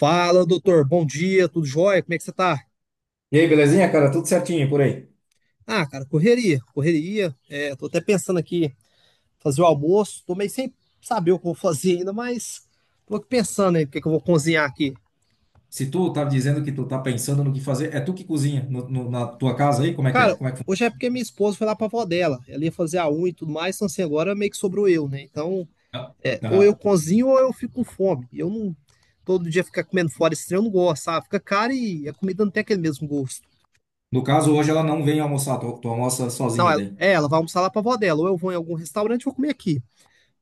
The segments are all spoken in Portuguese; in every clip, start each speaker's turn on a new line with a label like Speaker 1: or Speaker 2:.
Speaker 1: Fala, doutor. Bom dia, tudo jóia? Como é que você tá?
Speaker 2: E aí, belezinha, cara? Tudo certinho por aí?
Speaker 1: Ah, cara, correria, correria. É, tô até pensando aqui fazer o almoço. Tô meio sem saber o que eu vou fazer ainda, mas tô aqui pensando aí o que é que eu vou cozinhar aqui.
Speaker 2: Se tu tá dizendo que tu tá pensando no que fazer, é tu que cozinha na tua casa aí? Como é que é?
Speaker 1: Cara,
Speaker 2: Como é que
Speaker 1: hoje é porque minha esposa foi lá pra avó dela. Ela ia fazer a unha e tudo mais, então assim, agora meio que sobrou eu, né? Então,
Speaker 2: funciona?
Speaker 1: é, ou eu
Speaker 2: Aham.
Speaker 1: cozinho ou eu fico com fome. Eu não, todo dia ficar comendo fora estranho, eu não gosto, sabe? Fica caro e a comida não tem aquele mesmo gosto.
Speaker 2: No caso, hoje ela não vem almoçar, tu almoça
Speaker 1: Não,
Speaker 2: sozinho
Speaker 1: ela,
Speaker 2: daí.
Speaker 1: é, ela vai almoçar lá pra avó dela, ou eu vou em algum restaurante e vou comer aqui.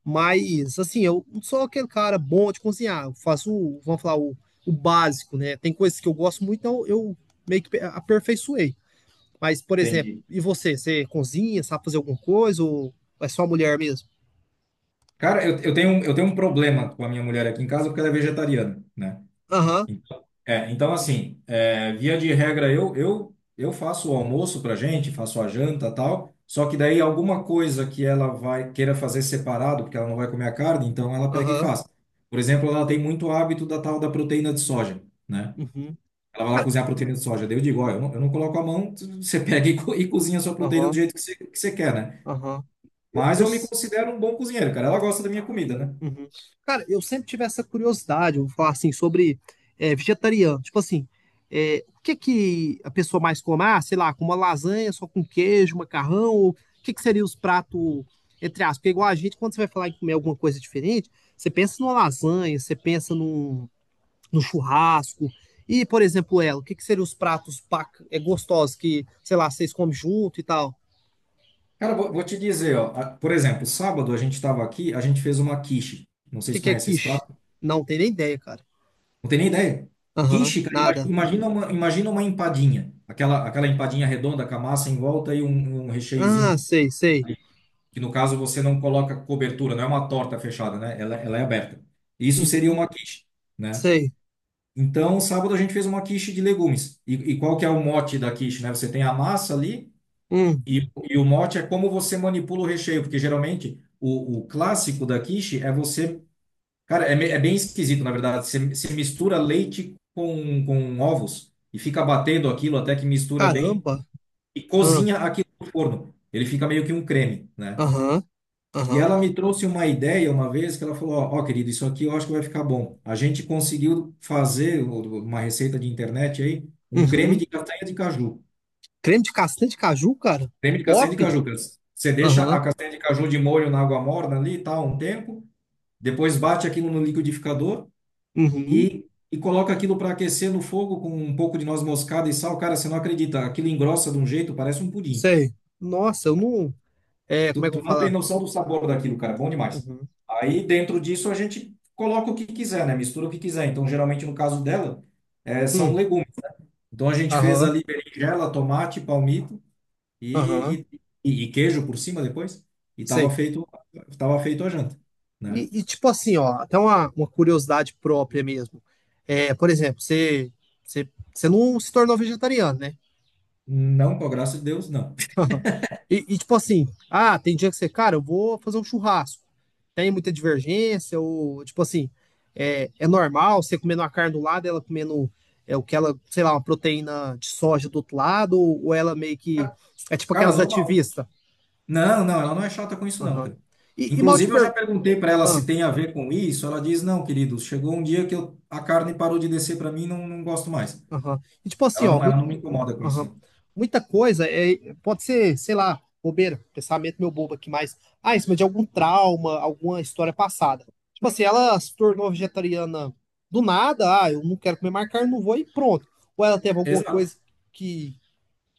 Speaker 1: Mas, assim, eu não sou aquele cara bom de cozinhar. Eu faço, vamos falar, o básico, né? Tem coisas que eu gosto muito, então eu meio que aperfeiçoei. Mas, por exemplo,
Speaker 2: Entendi.
Speaker 1: e você? Você cozinha, sabe fazer alguma coisa ou é só mulher mesmo?
Speaker 2: Cara, eu tenho, eu tenho um problema com a minha mulher aqui em casa porque ela é vegetariana, né?
Speaker 1: Aham,
Speaker 2: Então, é, então assim, é, via de regra, eu faço o almoço pra gente, faço a janta tal, só que daí alguma coisa que ela vai queira fazer separado, porque ela não vai comer a carne, então ela pega e
Speaker 1: aham,
Speaker 2: faz. Por exemplo, ela tem muito hábito da tal da proteína de soja, né?
Speaker 1: uhum,
Speaker 2: Ela vai lá
Speaker 1: cara,
Speaker 2: cozinhar a proteína de soja. Daí eu digo, ó, eu não coloco a mão, você pega e, e cozinha a sua proteína do
Speaker 1: aham,
Speaker 2: jeito que que você quer, né?
Speaker 1: aham. Eu,
Speaker 2: Mas
Speaker 1: eu,
Speaker 2: eu me considero um bom cozinheiro, cara. Ela gosta da minha comida, né?
Speaker 1: uhum. Cara, eu sempre tive essa curiosidade, eu vou falar assim, sobre vegetariano. Tipo assim, o que que a pessoa mais come? Ah, sei lá, com uma lasanha, só com queijo, macarrão, ou o que que seria os pratos, entre aspas? Porque igual a gente, quando você vai falar em comer alguma coisa diferente, você pensa numa lasanha, você pensa num churrasco. E, por exemplo, ela, o que que seriam os pratos gostosos que, sei lá, vocês comem junto e tal? O
Speaker 2: Cara, vou te dizer, ó. Por exemplo, sábado a gente estava aqui, a gente fez uma quiche. Não sei
Speaker 1: que
Speaker 2: se
Speaker 1: que é
Speaker 2: conhece esse
Speaker 1: quiche?
Speaker 2: prato.
Speaker 1: Não tenho nem ideia, cara.
Speaker 2: Não tem nem ideia.
Speaker 1: Aham,
Speaker 2: Quiche, cara,
Speaker 1: nada.
Speaker 2: imagina uma empadinha. Aquela empadinha redonda com a massa em volta e um
Speaker 1: Ah,
Speaker 2: recheiozinho
Speaker 1: sei, sei.
Speaker 2: ali, que no caso você não coloca cobertura, não é uma torta fechada, né? Ela é aberta. Isso seria
Speaker 1: Uhum.
Speaker 2: uma quiche, né?
Speaker 1: Sei.
Speaker 2: Então, sábado a gente fez uma quiche de legumes. E qual que é o mote da quiche, né? Você tem a massa ali.
Speaker 1: Hum.
Speaker 2: E o mote é como você manipula o recheio, porque geralmente o clássico da quiche é você. Cara, é, é bem esquisito, na verdade. Você mistura leite com ovos e fica batendo aquilo até que mistura bem
Speaker 1: Caramba.
Speaker 2: e
Speaker 1: Aham.
Speaker 2: cozinha aquilo no forno. Ele fica meio que um creme, né?
Speaker 1: Aham.
Speaker 2: E
Speaker 1: Aham.
Speaker 2: ela me trouxe uma ideia uma vez que ela falou: ó, ó, querido, isso aqui eu acho que vai ficar bom. A gente conseguiu fazer uma receita de internet aí, um creme
Speaker 1: Uhum.
Speaker 2: de castanha de caju.
Speaker 1: Creme de castanha de caju, cara? Que
Speaker 2: Creme de castanha de
Speaker 1: Pop?
Speaker 2: caju, cara. Você deixa a
Speaker 1: Aham.
Speaker 2: castanha de caju de molho na água morna ali e tal, um tempo. Depois bate aquilo no liquidificador
Speaker 1: Uhum.
Speaker 2: e, e coloca aquilo para aquecer no fogo com um pouco de noz moscada e sal. Cara, você não acredita. Aquilo engrossa de um jeito, parece um pudim.
Speaker 1: Sei. Nossa, eu não. É, como é que eu vou
Speaker 2: Tu não tem
Speaker 1: falar?
Speaker 2: noção do sabor daquilo, cara. Bom demais.
Speaker 1: Uhum.
Speaker 2: Aí dentro disso a gente coloca o que quiser, né? Mistura o que quiser. Então, geralmente no caso dela, são
Speaker 1: Hum.
Speaker 2: legumes. Então a gente fez
Speaker 1: Aham.
Speaker 2: ali berinjela, tomate, palmito.
Speaker 1: Aham.
Speaker 2: e, e queijo por cima depois. E tava
Speaker 1: Sei.
Speaker 2: feito, tava feito a janta, né?
Speaker 1: E tipo assim, ó, até uma curiosidade própria mesmo. É, por exemplo, você não se tornou vegetariano, né?
Speaker 2: Não, com a graça de Deus, não.
Speaker 1: Tipo assim, ah, tem dia que você, cara, eu vou fazer um churrasco. Tem muita divergência, ou tipo assim, é normal você comendo uma carne do lado, ela comendo o que ela, sei lá, uma proteína de soja do outro lado, ou, ela meio que. É tipo
Speaker 2: Cara,
Speaker 1: aquelas
Speaker 2: normal.
Speaker 1: ativistas.
Speaker 2: Não, ela não é chata com isso, não,
Speaker 1: Aham.
Speaker 2: cara.
Speaker 1: E mal te
Speaker 2: Inclusive, eu já
Speaker 1: per...
Speaker 2: perguntei para ela
Speaker 1: ah,
Speaker 2: se tem a ver com isso. Ela diz: não, querido, chegou um dia que eu, a carne parou de descer para mim, não gosto mais.
Speaker 1: aham. E tipo assim, ó,
Speaker 2: Ela não me incomoda com isso,
Speaker 1: aham.
Speaker 2: não.
Speaker 1: Muita coisa pode ser, sei lá, bobeira, pensamento meu bobo aqui, mas ah, em cima de algum trauma, alguma história passada. Tipo assim, ela se tornou vegetariana do nada, ah, eu não quero comer mais carne, não vou e pronto. Ou ela teve alguma
Speaker 2: Exato.
Speaker 1: coisa que,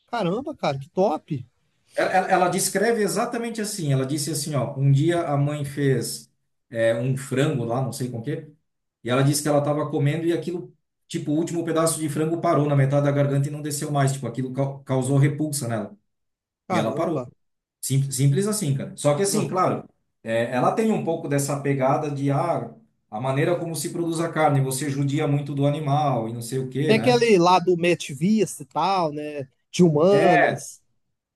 Speaker 1: caramba, cara, que top.
Speaker 2: Ela descreve exatamente assim. Ela disse assim: ó, um dia a mãe fez um frango lá, não sei com o quê. E ela disse que ela estava comendo e aquilo, tipo, o último pedaço de frango parou na metade da garganta e não desceu mais. Tipo, aquilo causou repulsa nela. E ela parou.
Speaker 1: Caramba.
Speaker 2: Sim, simples assim, cara. Só que
Speaker 1: Ah.
Speaker 2: assim, claro, é, ela tem um pouco dessa pegada de, ah, a maneira como se produz a carne, você judia muito do animal e não sei o quê,
Speaker 1: Tem
Speaker 2: né?
Speaker 1: aquele lá do Metivista e tal, né? De
Speaker 2: É,
Speaker 1: humanas.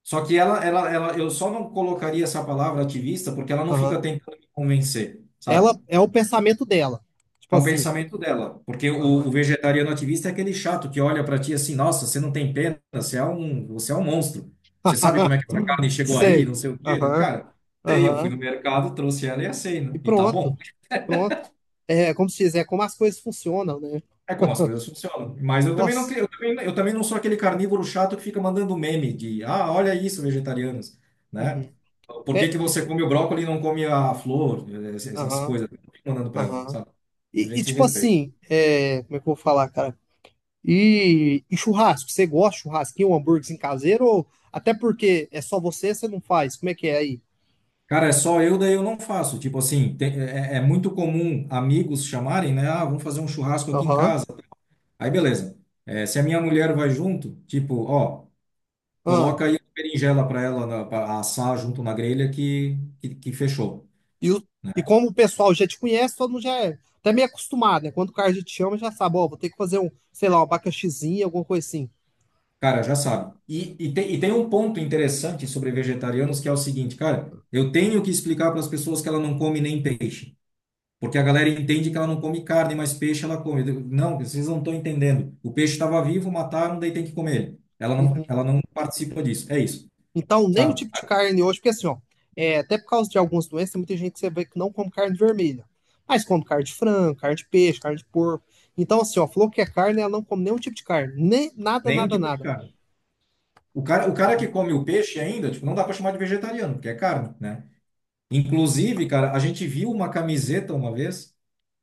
Speaker 2: só que ela, eu só não colocaria essa palavra ativista porque ela não
Speaker 1: Aham.
Speaker 2: fica tentando me convencer, sabe?
Speaker 1: Ela é o pensamento dela. Tipo
Speaker 2: É um
Speaker 1: assim.
Speaker 2: pensamento dela, porque
Speaker 1: Aham.
Speaker 2: o vegetariano ativista é aquele chato que olha para ti assim, nossa, você não tem pena, você é um monstro. Você sabe como é que essa carne chegou aí,
Speaker 1: Sei.
Speaker 2: não sei o quê.
Speaker 1: Aham.
Speaker 2: Cara, sei, eu fui
Speaker 1: Aham.
Speaker 2: no mercado, trouxe ela e assei,
Speaker 1: E
Speaker 2: né? E tá
Speaker 1: pronto.
Speaker 2: bom.
Speaker 1: Pronto. É, como se diz, é como as coisas funcionam, né?
Speaker 2: É como as coisas funcionam. Mas
Speaker 1: Nossa.
Speaker 2: eu também não sou aquele carnívoro chato que fica mandando meme de, ah, olha isso, vegetarianos, né?
Speaker 1: Uhum.
Speaker 2: Por que que
Speaker 1: É, é,
Speaker 2: você come o brócolis e não come a flor, é, essas
Speaker 1: aham,
Speaker 2: coisas? Eu não fico mandando para ela,
Speaker 1: aham.
Speaker 2: sabe? A gente se
Speaker 1: Tipo
Speaker 2: respeita.
Speaker 1: assim, como é que eu vou falar, cara? E churrasco, você gosta de churrasquinho, um hambúrguer caseiro? Ou até porque é só você, você não faz? Como é que é aí?
Speaker 2: Cara, é só eu, daí eu não faço. Tipo assim, é, é muito comum amigos chamarem, né? Ah, vamos fazer um churrasco aqui em
Speaker 1: Aham,
Speaker 2: casa. Aí, beleza. É, se a minha mulher vai junto, tipo, ó,
Speaker 1: ah.
Speaker 2: coloca aí a berinjela pra ela na, pra assar junto na grelha que fechou,
Speaker 1: E, o-
Speaker 2: né?
Speaker 1: e como o pessoal já te conhece, todo mundo já é até meio acostumado, né? Quando o cara já te chama, já sabe, ó, vou ter que fazer um, sei lá, um abacaxizinho, alguma coisa assim.
Speaker 2: Cara, já sabe. E tem um ponto interessante sobre vegetarianos que é o seguinte, cara, eu tenho que explicar para as pessoas que ela não come nem peixe. Porque a galera entende que ela não come carne, mas peixe ela come. Eu digo, não, vocês não estão entendendo. O peixe estava vivo, mataram, daí tem que comer ele. Ela não participa disso. É isso,
Speaker 1: Então, nem o
Speaker 2: sabe?
Speaker 1: tipo de carne hoje, porque assim, ó, até por causa de algumas doenças, tem muita gente que você vê que não come carne vermelha, mas come carne de frango, carne de peixe, carne de porco. Então, assim, ó, falou que é carne, ela não come nenhum tipo de carne, nem nada,
Speaker 2: Nenhum
Speaker 1: nada,
Speaker 2: tipo de
Speaker 1: nada.
Speaker 2: carne. O cara que come o peixe ainda, tipo, não dá para chamar de vegetariano, porque é carne, né? Inclusive, cara, a gente viu uma camiseta uma vez,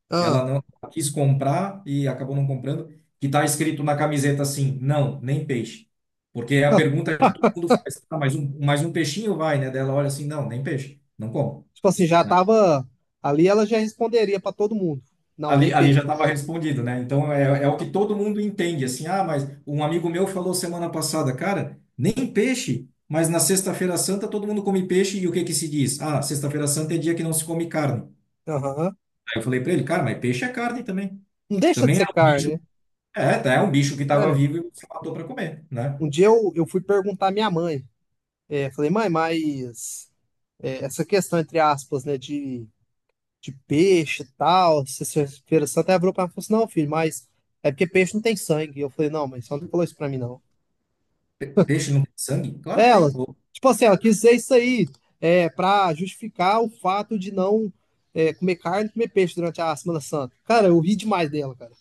Speaker 1: Ah,
Speaker 2: ela não ela quis comprar e acabou não comprando, que tá escrito na camiseta assim, não, nem peixe. Porque é a pergunta é que todo mundo faz, tá mais um peixinho vai, né? Dela olha assim, não, nem peixe, não como,
Speaker 1: tipo assim, já
Speaker 2: né?
Speaker 1: tava ali, ela já responderia pra todo mundo. Não, nem
Speaker 2: Ali, ali já
Speaker 1: peixe.
Speaker 2: estava respondido, né? Então é, é o que todo mundo entende, assim, ah, mas um amigo meu falou semana passada, cara, nem peixe, mas na Sexta-feira Santa todo mundo come peixe e o que que se diz? Ah, Sexta-feira Santa é dia que não se come carne.
Speaker 1: Aham.
Speaker 2: Aí eu falei para ele, cara, mas peixe é carne também.
Speaker 1: Não deixa de
Speaker 2: Também é
Speaker 1: ser
Speaker 2: um
Speaker 1: carne,
Speaker 2: bicho.
Speaker 1: né?
Speaker 2: É, tá, é um bicho que estava
Speaker 1: Cara,
Speaker 2: vivo e você matou para comer, né?
Speaker 1: um dia eu fui perguntar à minha mãe. É, falei, mãe, mas essa questão, entre aspas, né, de peixe e tal, se sexta-feira santa, ela virou pra mim e falou assim, não, filho, mas é porque peixe não tem sangue. Eu falei, não, mas só não falou isso pra mim, não.
Speaker 2: Peixe não tem sangue? Claro que
Speaker 1: Ela,
Speaker 2: tem. Ô,
Speaker 1: tipo assim, ela quis dizer isso aí pra justificar o fato de não comer carne e comer peixe durante a Semana Santa. Cara, eu ri demais dela, cara.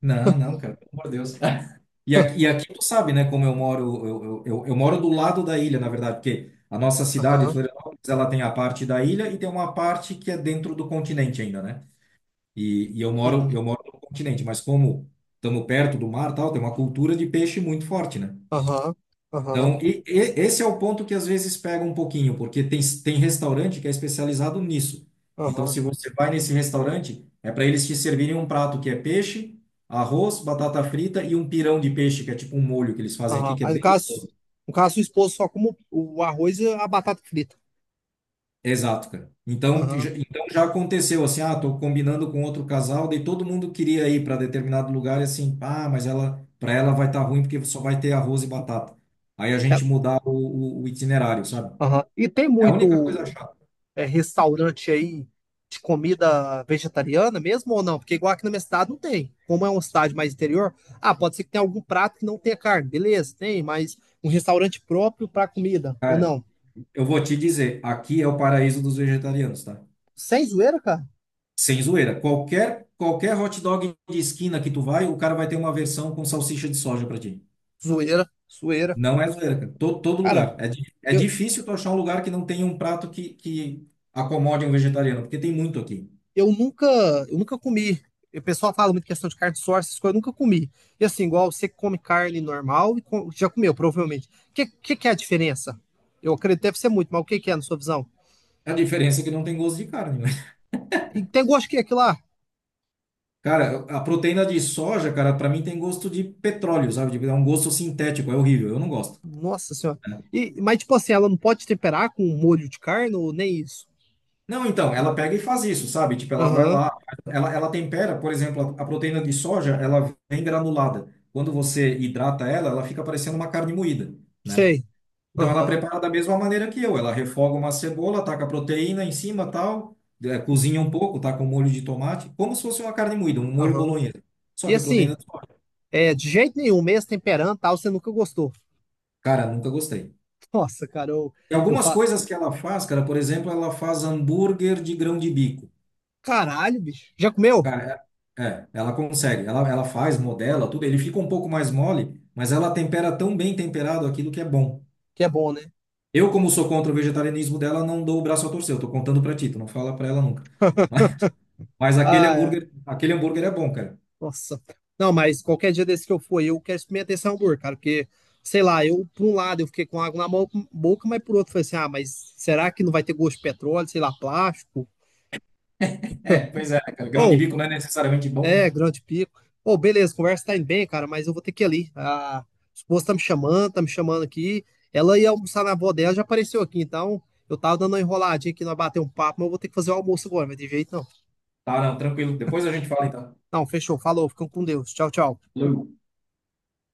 Speaker 2: Não, cara, pelo amor de Deus. E aqui tu sabe, né, como eu moro, eu moro do lado da ilha, na verdade, porque a nossa cidade,
Speaker 1: Aham,
Speaker 2: Florianópolis, ela tem a parte da ilha e tem uma parte que é dentro do continente ainda, né? E, eu
Speaker 1: uhum,
Speaker 2: moro no continente, mas como estamos perto do mar, e tal, tem uma cultura de peixe muito forte, né?
Speaker 1: aham, aham,
Speaker 2: Então, esse é o ponto que às vezes pega um pouquinho, porque tem restaurante que é especializado nisso. Então,
Speaker 1: aham,
Speaker 2: se você vai nesse restaurante, é para eles te servirem um prato que é peixe, arroz, batata frita e um pirão de peixe, que é tipo um molho que eles fazem aqui,
Speaker 1: aham.
Speaker 2: que é
Speaker 1: Aí, no
Speaker 2: bem
Speaker 1: caso,
Speaker 2: gostoso.
Speaker 1: no caso, sua esposa só como o arroz e a batata frita.
Speaker 2: Exato, cara. Então,
Speaker 1: Aham.
Speaker 2: então já aconteceu assim, ah, tô combinando com outro casal, daí todo mundo queria ir para determinado lugar e assim, ah, mas ela, para ela vai estar ruim porque só vai ter arroz e batata. Aí a
Speaker 1: É,
Speaker 2: gente mudar o itinerário, sabe?
Speaker 1: aham. E tem
Speaker 2: É a única
Speaker 1: muito
Speaker 2: coisa chata.
Speaker 1: restaurante aí de comida vegetariana mesmo ou não? Porque igual aqui na minha cidade não tem. Como é uma cidade mais interior, ah, pode ser que tenha algum prato que não tenha carne, beleza, tem, mas um restaurante próprio para comida, ou
Speaker 2: Cara,
Speaker 1: não?
Speaker 2: eu vou te dizer, aqui é o paraíso dos vegetarianos, tá?
Speaker 1: Sem zoeira, cara?
Speaker 2: Sem zoeira. Qualquer, qualquer hot dog de esquina que tu vai, o cara vai ter uma versão com salsicha de soja pra ti.
Speaker 1: Zoeira, zoeira.
Speaker 2: Não é zoeira, cara. Todo, todo
Speaker 1: Cara,
Speaker 2: lugar. É, é
Speaker 1: eu,
Speaker 2: difícil tu achar um lugar que não tenha um prato que acomode um vegetariano, porque tem muito aqui.
Speaker 1: eu nunca, eu nunca comi. O pessoal fala muito questão de carne de source, essas coisas, eu nunca comi. E assim, igual você come carne normal e já comeu, provavelmente. O que é a diferença? Eu acredito que deve ser muito, mas o que é na sua visão?
Speaker 2: A diferença é que não tem gosto de carne, né?
Speaker 1: E tem gosto que é aquilo lá?
Speaker 2: Cara, a proteína de soja, cara, pra mim tem gosto de petróleo, sabe? Tipo, é um gosto sintético, é horrível, eu não gosto.
Speaker 1: Nossa senhora. E, mas tipo assim, ela não pode temperar com molho de carne ou nem isso?
Speaker 2: Não, então, ela pega e faz isso, sabe? Tipo, ela vai
Speaker 1: Aham,
Speaker 2: lá, ela tempera, por exemplo, a proteína de soja, ela vem granulada. Quando você hidrata ela, ela fica parecendo uma carne moída, né?
Speaker 1: sei.
Speaker 2: Então, ela
Speaker 1: Aham,
Speaker 2: prepara da mesma maneira que eu. Ela refoga uma cebola, taca a proteína em cima, tal, cozinha um pouco, taca um molho de tomate, como se fosse uma carne moída, um molho
Speaker 1: aham.
Speaker 2: bolonhesa. Só
Speaker 1: E
Speaker 2: que é
Speaker 1: assim,
Speaker 2: proteína de soja.
Speaker 1: de jeito nenhum, mesmo temperando e tal, você nunca gostou.
Speaker 2: Cara, nunca gostei.
Speaker 1: Nossa, cara, eu,
Speaker 2: E
Speaker 1: eu
Speaker 2: algumas
Speaker 1: falo,
Speaker 2: coisas que ela faz, cara, por exemplo, ela faz hambúrguer de grão de bico.
Speaker 1: caralho, bicho. Já comeu?
Speaker 2: Cara, ela consegue. Ela faz, modela, tudo. Ele fica um pouco mais mole, mas ela tempera tão bem temperado aquilo que é bom.
Speaker 1: Que é bom, né?
Speaker 2: Eu, como sou contra o vegetarianismo dela, não dou o braço a torcer. Eu tô contando pra ti, tu não fala pra ela nunca. Mas,
Speaker 1: Ah,
Speaker 2: aquele hambúrguer é bom, cara.
Speaker 1: nossa. Não, mas qualquer dia desse que eu for, eu quero experimentar esse hambúrguer, cara, porque, sei lá, eu, por um lado, eu fiquei com água na boca, mas por outro, eu falei assim, ah, mas será que não vai ter gosto de petróleo, sei lá, plástico?
Speaker 2: É, pois é, cara. Grão de
Speaker 1: Ou,
Speaker 2: bico não é necessariamente bom, né?
Speaker 1: grande pico. Ou, beleza, conversa tá indo bem, cara, mas eu vou ter que ir ali. A esposa tá me chamando aqui. Ela ia almoçar na avó dela, já apareceu aqui, então eu tava dando uma enroladinha aqui, nós bater um papo, mas eu vou ter que fazer o almoço agora, mas de jeito não.
Speaker 2: Tá, não, tranquilo. Depois a gente fala, então.
Speaker 1: Não, fechou, falou, ficam com Deus. Tchau, tchau.